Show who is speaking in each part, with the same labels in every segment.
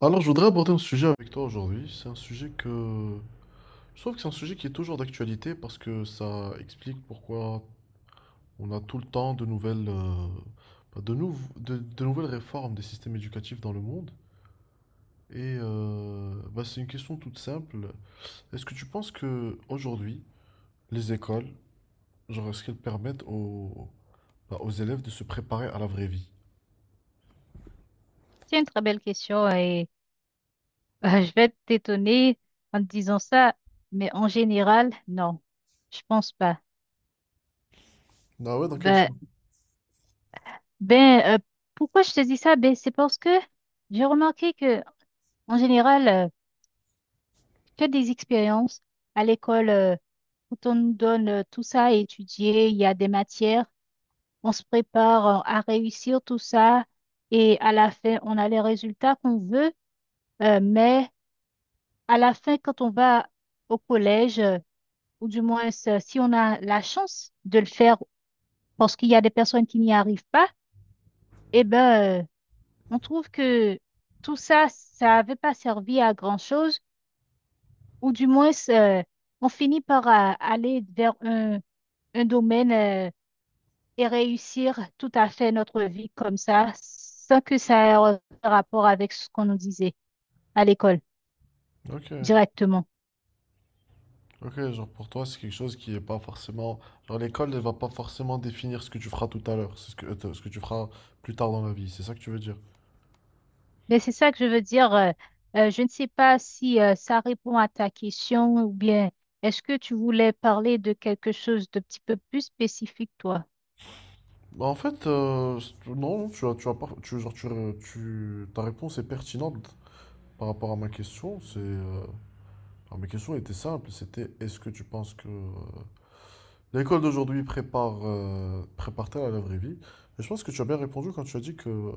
Speaker 1: Alors, je voudrais aborder un sujet avec toi aujourd'hui. C'est un sujet que... Je trouve que c'est un sujet qui est toujours d'actualité parce que ça explique pourquoi on a tout le temps de nouvelles, bah, de nouvelles réformes des systèmes éducatifs dans le monde. Bah, c'est une question toute simple. Est-ce que tu penses que aujourd'hui, les écoles, genre, est-ce qu'elles permettent aux, bah, aux élèves de se préparer à la vraie vie?
Speaker 2: C'est une très belle question et je vais t'étonner en te disant ça, mais en général, non, je pense pas.
Speaker 1: Ah ouais, dans quel
Speaker 2: Ben,
Speaker 1: sens?
Speaker 2: ben euh, Pourquoi je te dis ça? Ben, c'est parce que j'ai remarqué que en général, que des expériences à l'école, quand on nous donne tout ça à étudier, il y a des matières, on se prépare à réussir tout ça et à la fin, on a les résultats qu'on veut, mais à la fin, quand on va au collège, ou du moins si on a la chance de le faire parce qu'il y a des personnes qui n'y arrivent pas, eh ben, on trouve que tout ça, ça n'avait pas servi à grand-chose, ou du moins, on finit par aller vers un domaine et réussir tout à fait notre vie comme ça, sans que ça ait un rapport avec ce qu'on nous disait à l'école
Speaker 1: Ok.
Speaker 2: directement.
Speaker 1: Ok, genre pour toi, c'est quelque chose qui est pas forcément. Genre l'école, elle va pas forcément définir ce que tu feras tout à l'heure, c'est ce que tu feras plus tard dans la vie, c'est ça que tu veux dire?
Speaker 2: Mais c'est ça que je veux dire. Je ne sais pas si ça répond à ta question ou bien est-ce que tu voulais parler de quelque chose de petit peu plus spécifique, toi?
Speaker 1: Bah, en fait, non, non, tu as pas, tu, genre, tu- ta réponse est pertinente par rapport à ma question. C'est, alors, mes questions étaient simples, c'était est-ce que tu penses que l'école d'aujourd'hui prépare, prépare-t-elle à la vraie vie? Et je pense que tu as bien répondu quand tu as dit que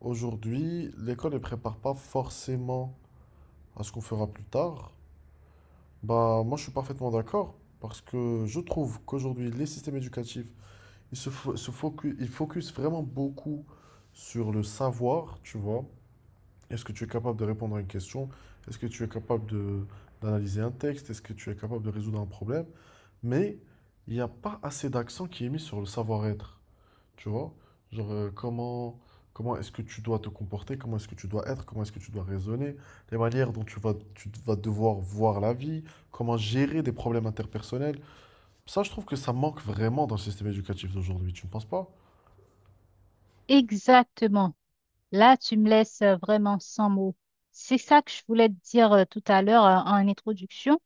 Speaker 1: aujourd'hui, l'école ne prépare pas forcément à ce qu'on fera plus tard. Bah, moi, je suis parfaitement d'accord parce que je trouve qu'aujourd'hui, les systèmes éducatifs, ils se, fo- se focus, ils focus vraiment beaucoup sur le savoir, tu vois. Est-ce que tu es capable de répondre à une question? Est-ce que tu es capable de, d'analyser un texte? Est-ce que tu es capable de résoudre un problème? Mais il n'y a pas assez d'accent qui est mis sur le savoir-être. Tu vois? Genre, comment est-ce que tu dois te comporter, comment est-ce que tu dois être, comment est-ce que tu dois raisonner, les manières dont tu vas devoir voir la vie, comment gérer des problèmes interpersonnels. Ça, je trouve que ça manque vraiment dans le système éducatif d'aujourd'hui, tu ne penses pas?
Speaker 2: Exactement. Là, tu me laisses vraiment sans mots. C'est ça que je voulais te dire tout à l'heure en introduction,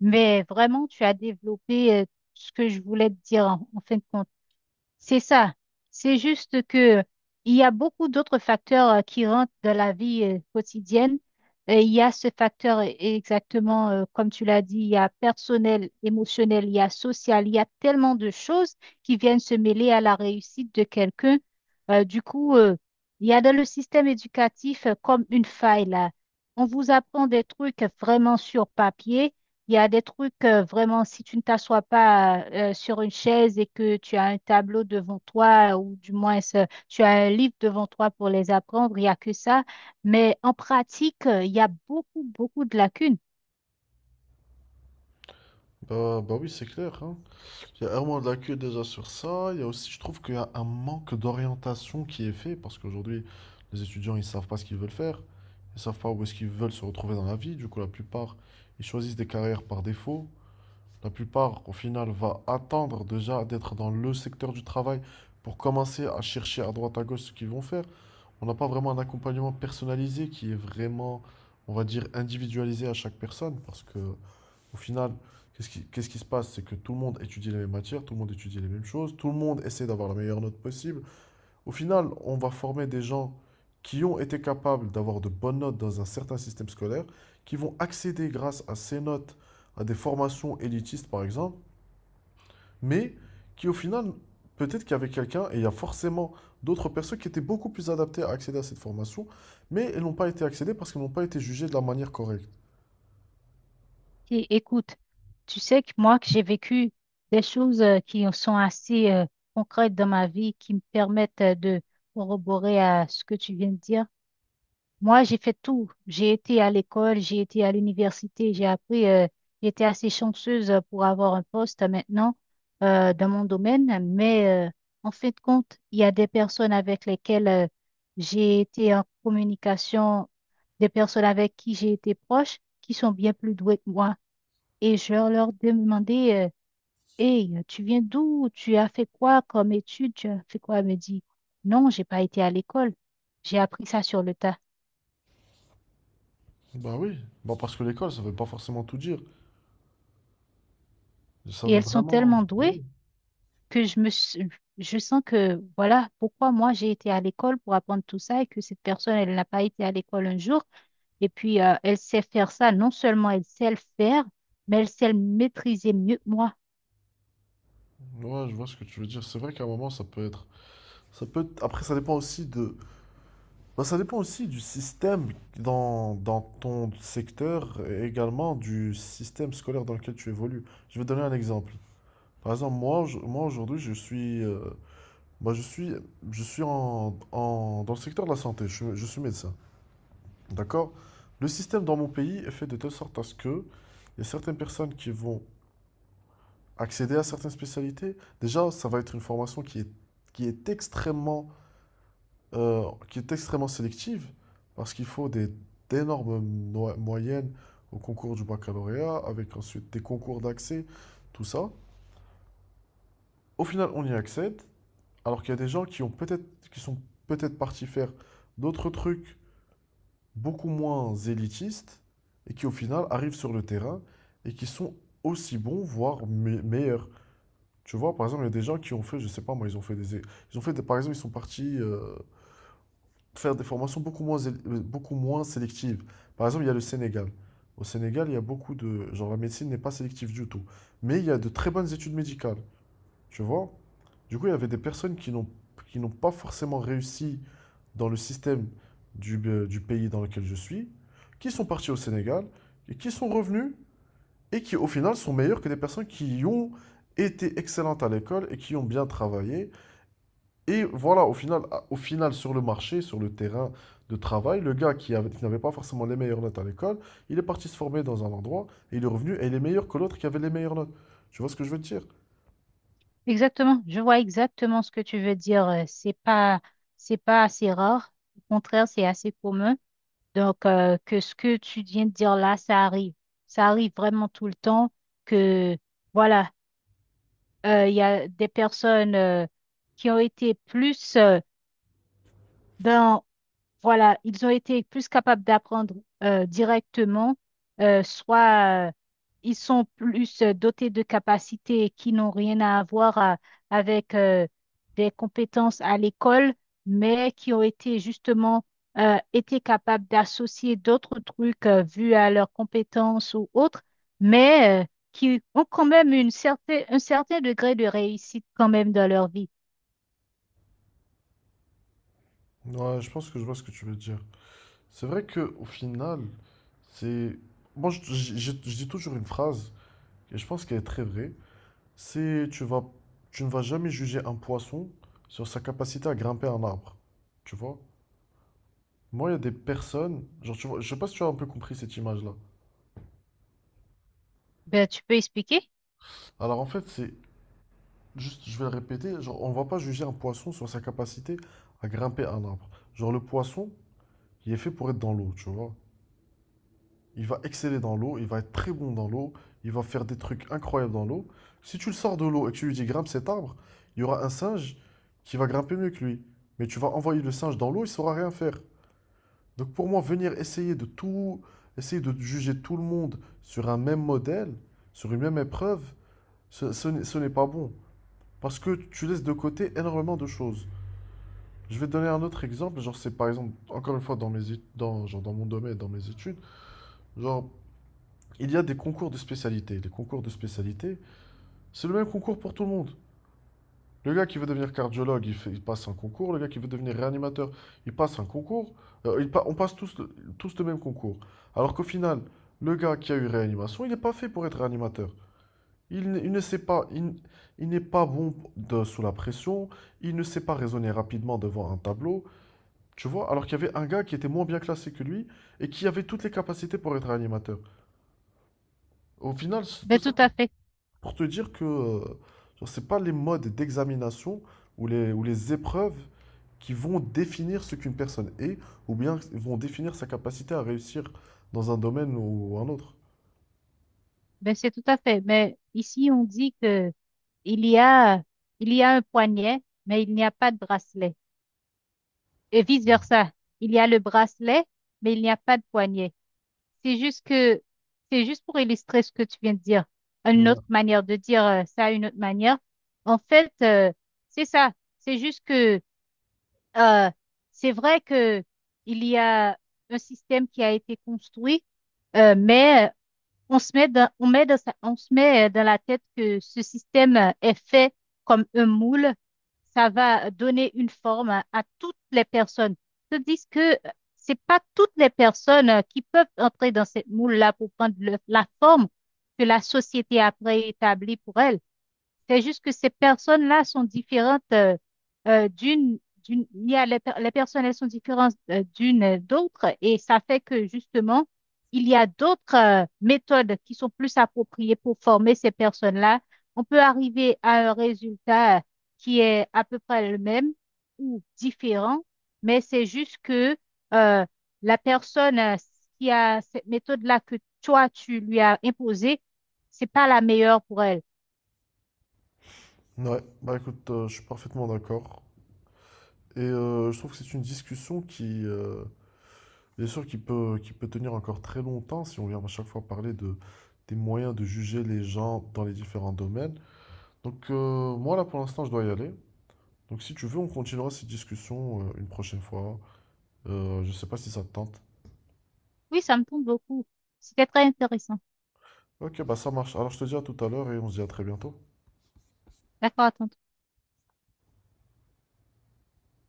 Speaker 2: mais vraiment, tu as développé ce que je voulais te dire en fin de compte. C'est ça. C'est juste que il y a beaucoup d'autres facteurs qui rentrent dans la vie quotidienne. Et il y a ce exactement, comme tu l'as dit, il y a personnel, émotionnel, il y a social, il y a tellement de choses qui viennent se mêler à la réussite de quelqu'un. Du coup, il y a dans le système éducatif comme une faille là. On vous apprend des trucs vraiment sur papier. Il y a des trucs, vraiment, si tu ne t'assois pas sur une chaise et que tu as un tableau devant toi, ou du moins tu as un livre devant toi pour les apprendre, il n'y a que ça. Mais en pratique, il y a beaucoup, beaucoup de lacunes.
Speaker 1: Bah, bah oui, c'est clair, hein. Il y a vraiment de la queue déjà sur ça. Il y a aussi, je trouve qu'il y a un manque d'orientation qui est fait parce qu'aujourd'hui, les étudiants, ils savent pas ce qu'ils veulent faire. Ils savent pas où est-ce qu'ils veulent se retrouver dans la vie. Du coup, la plupart, ils choisissent des carrières par défaut. La plupart, au final, va attendre déjà d'être dans le secteur du travail pour commencer à chercher à droite à gauche ce qu'ils vont faire. On n'a pas vraiment un accompagnement personnalisé qui est vraiment, on va dire, individualisé à chaque personne parce que, au final, qu'est-ce qui se passe? C'est que tout le monde étudie les mêmes matières, tout le monde étudie les mêmes choses, tout le monde essaie d'avoir la meilleure note possible. Au final, on va former des gens qui ont été capables d'avoir de bonnes notes dans un certain système scolaire, qui vont accéder grâce à ces notes à des formations élitistes, par exemple, mais qui au final, peut-être qu'il y avait quelqu'un, et il y a forcément d'autres personnes qui étaient beaucoup plus adaptées à accéder à cette formation, mais elles n'ont pas été accédées parce qu'elles n'ont pas été jugées de la manière correcte.
Speaker 2: Et, écoute, tu sais que moi, que j'ai vécu des choses qui sont assez concrètes dans ma vie, qui me permettent de corroborer à ce que tu viens de dire. Moi, j'ai fait tout. J'ai été à l'école, j'ai été à l'université, j'ai appris. J'étais assez chanceuse pour avoir un poste maintenant dans mon domaine, mais en fin de compte, il y a des personnes avec lesquelles j'ai été en communication, des personnes avec qui j'ai été proche, qui sont bien plus douées que moi. Et je leur demandais, hey, tu viens d'où? Tu as fait quoi comme étude? Tu as fait quoi? Elle me dit, non, j'ai pas été à l'école. J'ai appris ça sur le tas.
Speaker 1: Bah oui, bah parce que l'école, ça veut pas forcément tout dire. Ça
Speaker 2: Et
Speaker 1: veut
Speaker 2: elles sont
Speaker 1: vraiment...
Speaker 2: tellement douées
Speaker 1: Oui.
Speaker 2: que je sens que voilà pourquoi moi j'ai été à l'école pour apprendre tout ça et que cette personne elle n'a pas été à l'école un jour. Et puis elle sait faire ça. Non seulement elle sait le faire, mais elle sait le maîtriser mieux que moi.
Speaker 1: Ouais, je vois ce que tu veux dire. C'est vrai qu'à un moment, ça peut être... Ça peut être- Après, ça dépend aussi de... Bah, ça dépend aussi du système dans ton secteur et également du système scolaire dans lequel tu évolues. Je vais donner un exemple. Par exemple, moi aujourd'hui, je suis... bah, je suis dans le secteur de la santé, je suis médecin. D'accord? Le système dans mon pays est fait de telle sorte à ce que il y a certaines personnes qui vont accéder à certaines spécialités. Déjà, ça va être une formation qui est extrêmement, euh, qui est extrêmement sélective parce qu'il faut d'énormes moyennes au concours du baccalauréat avec ensuite des concours d'accès, tout ça. Au final, on y accède alors qu'il y a des gens qui ont qui sont peut-être partis faire d'autres trucs beaucoup moins élitistes et qui au final arrivent sur le terrain et qui sont aussi bons, voire meilleurs. Tu vois, par exemple, il y a des gens qui ont fait, je sais pas moi, ils ont fait des, par exemple, ils sont partis faire des formations beaucoup moins sélectives. Par exemple, il y a le Sénégal. Au Sénégal, il y a beaucoup de, genre la médecine n'est pas sélective du tout, mais il y a de très bonnes études médicales. Tu vois? Du coup, il y avait des personnes qui n'ont pas forcément réussi dans le système du pays dans lequel je suis, qui sont partis au Sénégal, et qui sont revenus, et qui au final sont meilleurs que des personnes qui ont été excellentes à l'école et qui ont bien travaillé. Et voilà, au final sur le marché, sur le terrain de travail, le gars qui n'avait pas forcément les meilleures notes à l'école, il est parti se former dans un endroit, et il est revenu, et il est meilleur que l'autre qui avait les meilleures notes. Tu vois ce que je veux te dire?
Speaker 2: Exactement. Je vois exactement ce que tu veux dire. C'est pas assez rare. Au contraire, c'est assez commun. Donc que ce que tu viens de dire là, ça arrive. Ça arrive vraiment tout le temps que voilà. Il y a des personnes qui ont été plus dans, voilà, ils ont été plus capables d'apprendre directement, soit ils sont plus dotés de capacités qui n'ont rien avec des compétences à l'école, mais qui ont été justement été capables d'associer d'autres trucs vus à leurs compétences ou autres, mais qui ont quand même une certaine, un certain degré de réussite quand même dans leur vie.
Speaker 1: Ouais, je pense que je vois ce que tu veux dire. C'est vrai que au final, c'est moi je dis toujours une phrase et je pense qu'elle est très vraie. C'est tu ne vas jamais juger un poisson sur sa capacité à grimper un arbre. Tu vois? Moi, il y a des personnes, genre tu vois, je sais pas si tu as un peu compris cette image-là.
Speaker 2: Ben, tu peux expliquer?
Speaker 1: Alors en fait, c'est juste je vais le répéter, genre on va pas juger un poisson sur sa capacité à grimper un arbre. Genre le poisson, il est fait pour être dans l'eau, tu vois? Il va exceller dans l'eau, il va être très bon dans l'eau, il va faire des trucs incroyables dans l'eau. Si tu le sors de l'eau et que tu lui dis grimpe cet arbre, il y aura un singe qui va grimper mieux que lui. Mais tu vas envoyer le singe dans l'eau, il ne saura rien faire. Donc pour moi, venir essayer de tout, essayer de juger tout le monde sur un même modèle, sur une même épreuve, ce n'est pas bon. Parce que tu laisses de côté énormément de choses. Je vais te donner un autre exemple, genre c'est par exemple, encore une fois, dans mon domaine, dans mes études, genre il y a des concours de spécialité. Les concours de spécialité, c'est le même concours pour tout le monde. Le gars qui veut devenir cardiologue, il passe un concours. Le gars qui veut devenir réanimateur, il passe un concours. On passe tous le même concours. Alors qu'au final, le gars qui a eu réanimation, il n'est pas fait pour être réanimateur. Il ne sait pas, il, n- il n'est pas bon sous la pression. Il ne sait pas raisonner rapidement devant un tableau. Tu vois, alors qu'il y avait un gars qui était moins bien classé que lui et qui avait toutes les capacités pour être réanimateur. Au final, c'est tout
Speaker 2: Ben,
Speaker 1: ça.
Speaker 2: tout à fait.
Speaker 1: Pour te dire que genre, c'est pas les modes d'examination ou les épreuves qui vont définir ce qu'une personne est, ou bien vont définir sa capacité à réussir dans un domaine ou un autre.
Speaker 2: Ben, c'est tout à fait. Mais ici, on dit que il y a, il y a un poignet, mais il n'y a pas de bracelet. Et vice-versa. Il y a le bracelet, mais il n'y a pas de poignet. C'est juste que, c'est juste pour illustrer ce que tu viens de dire. Une
Speaker 1: Ouais,
Speaker 2: autre manière de dire ça, une autre manière. En fait, c'est ça. C'est juste que, euh, c'est vrai que il y a un système qui a été construit, mais on se met dans la tête que ce système est fait comme un moule. Ça va donner une forme à toutes les personnes. Tandis que c'est pas toutes les personnes qui peuvent entrer dans cette moule-là pour prendre la forme que la société a préétablie pour elles. C'est juste que ces personnes-là sont différentes euh, d'une, il y a les personnes, elles sont différentes d'une d'autre et ça fait que justement, il y a d'autres méthodes qui sont plus appropriées pour former ces personnes-là. On peut arriver à un résultat qui est à peu près le même ou différent, mais c'est juste que euh, la personne qui a cette méthode-là que toi, tu lui as imposée, c'est pas la meilleure pour elle.
Speaker 1: ouais, bah écoute, je suis parfaitement d'accord. Je trouve que c'est une discussion qui, bien sûr, qui peut tenir encore très longtemps si on vient à chaque fois parler de, des moyens de juger les gens dans les différents domaines. Moi là pour l'instant je dois y aller. Donc si tu veux, on continuera cette discussion une prochaine fois. Je sais pas si ça te tente.
Speaker 2: Oui, ça me tombe beaucoup. C'était très intéressant.
Speaker 1: Ok, bah ça marche. Alors je te dis à tout à l'heure et on se dit à très bientôt.
Speaker 2: D'accord, à tantôt.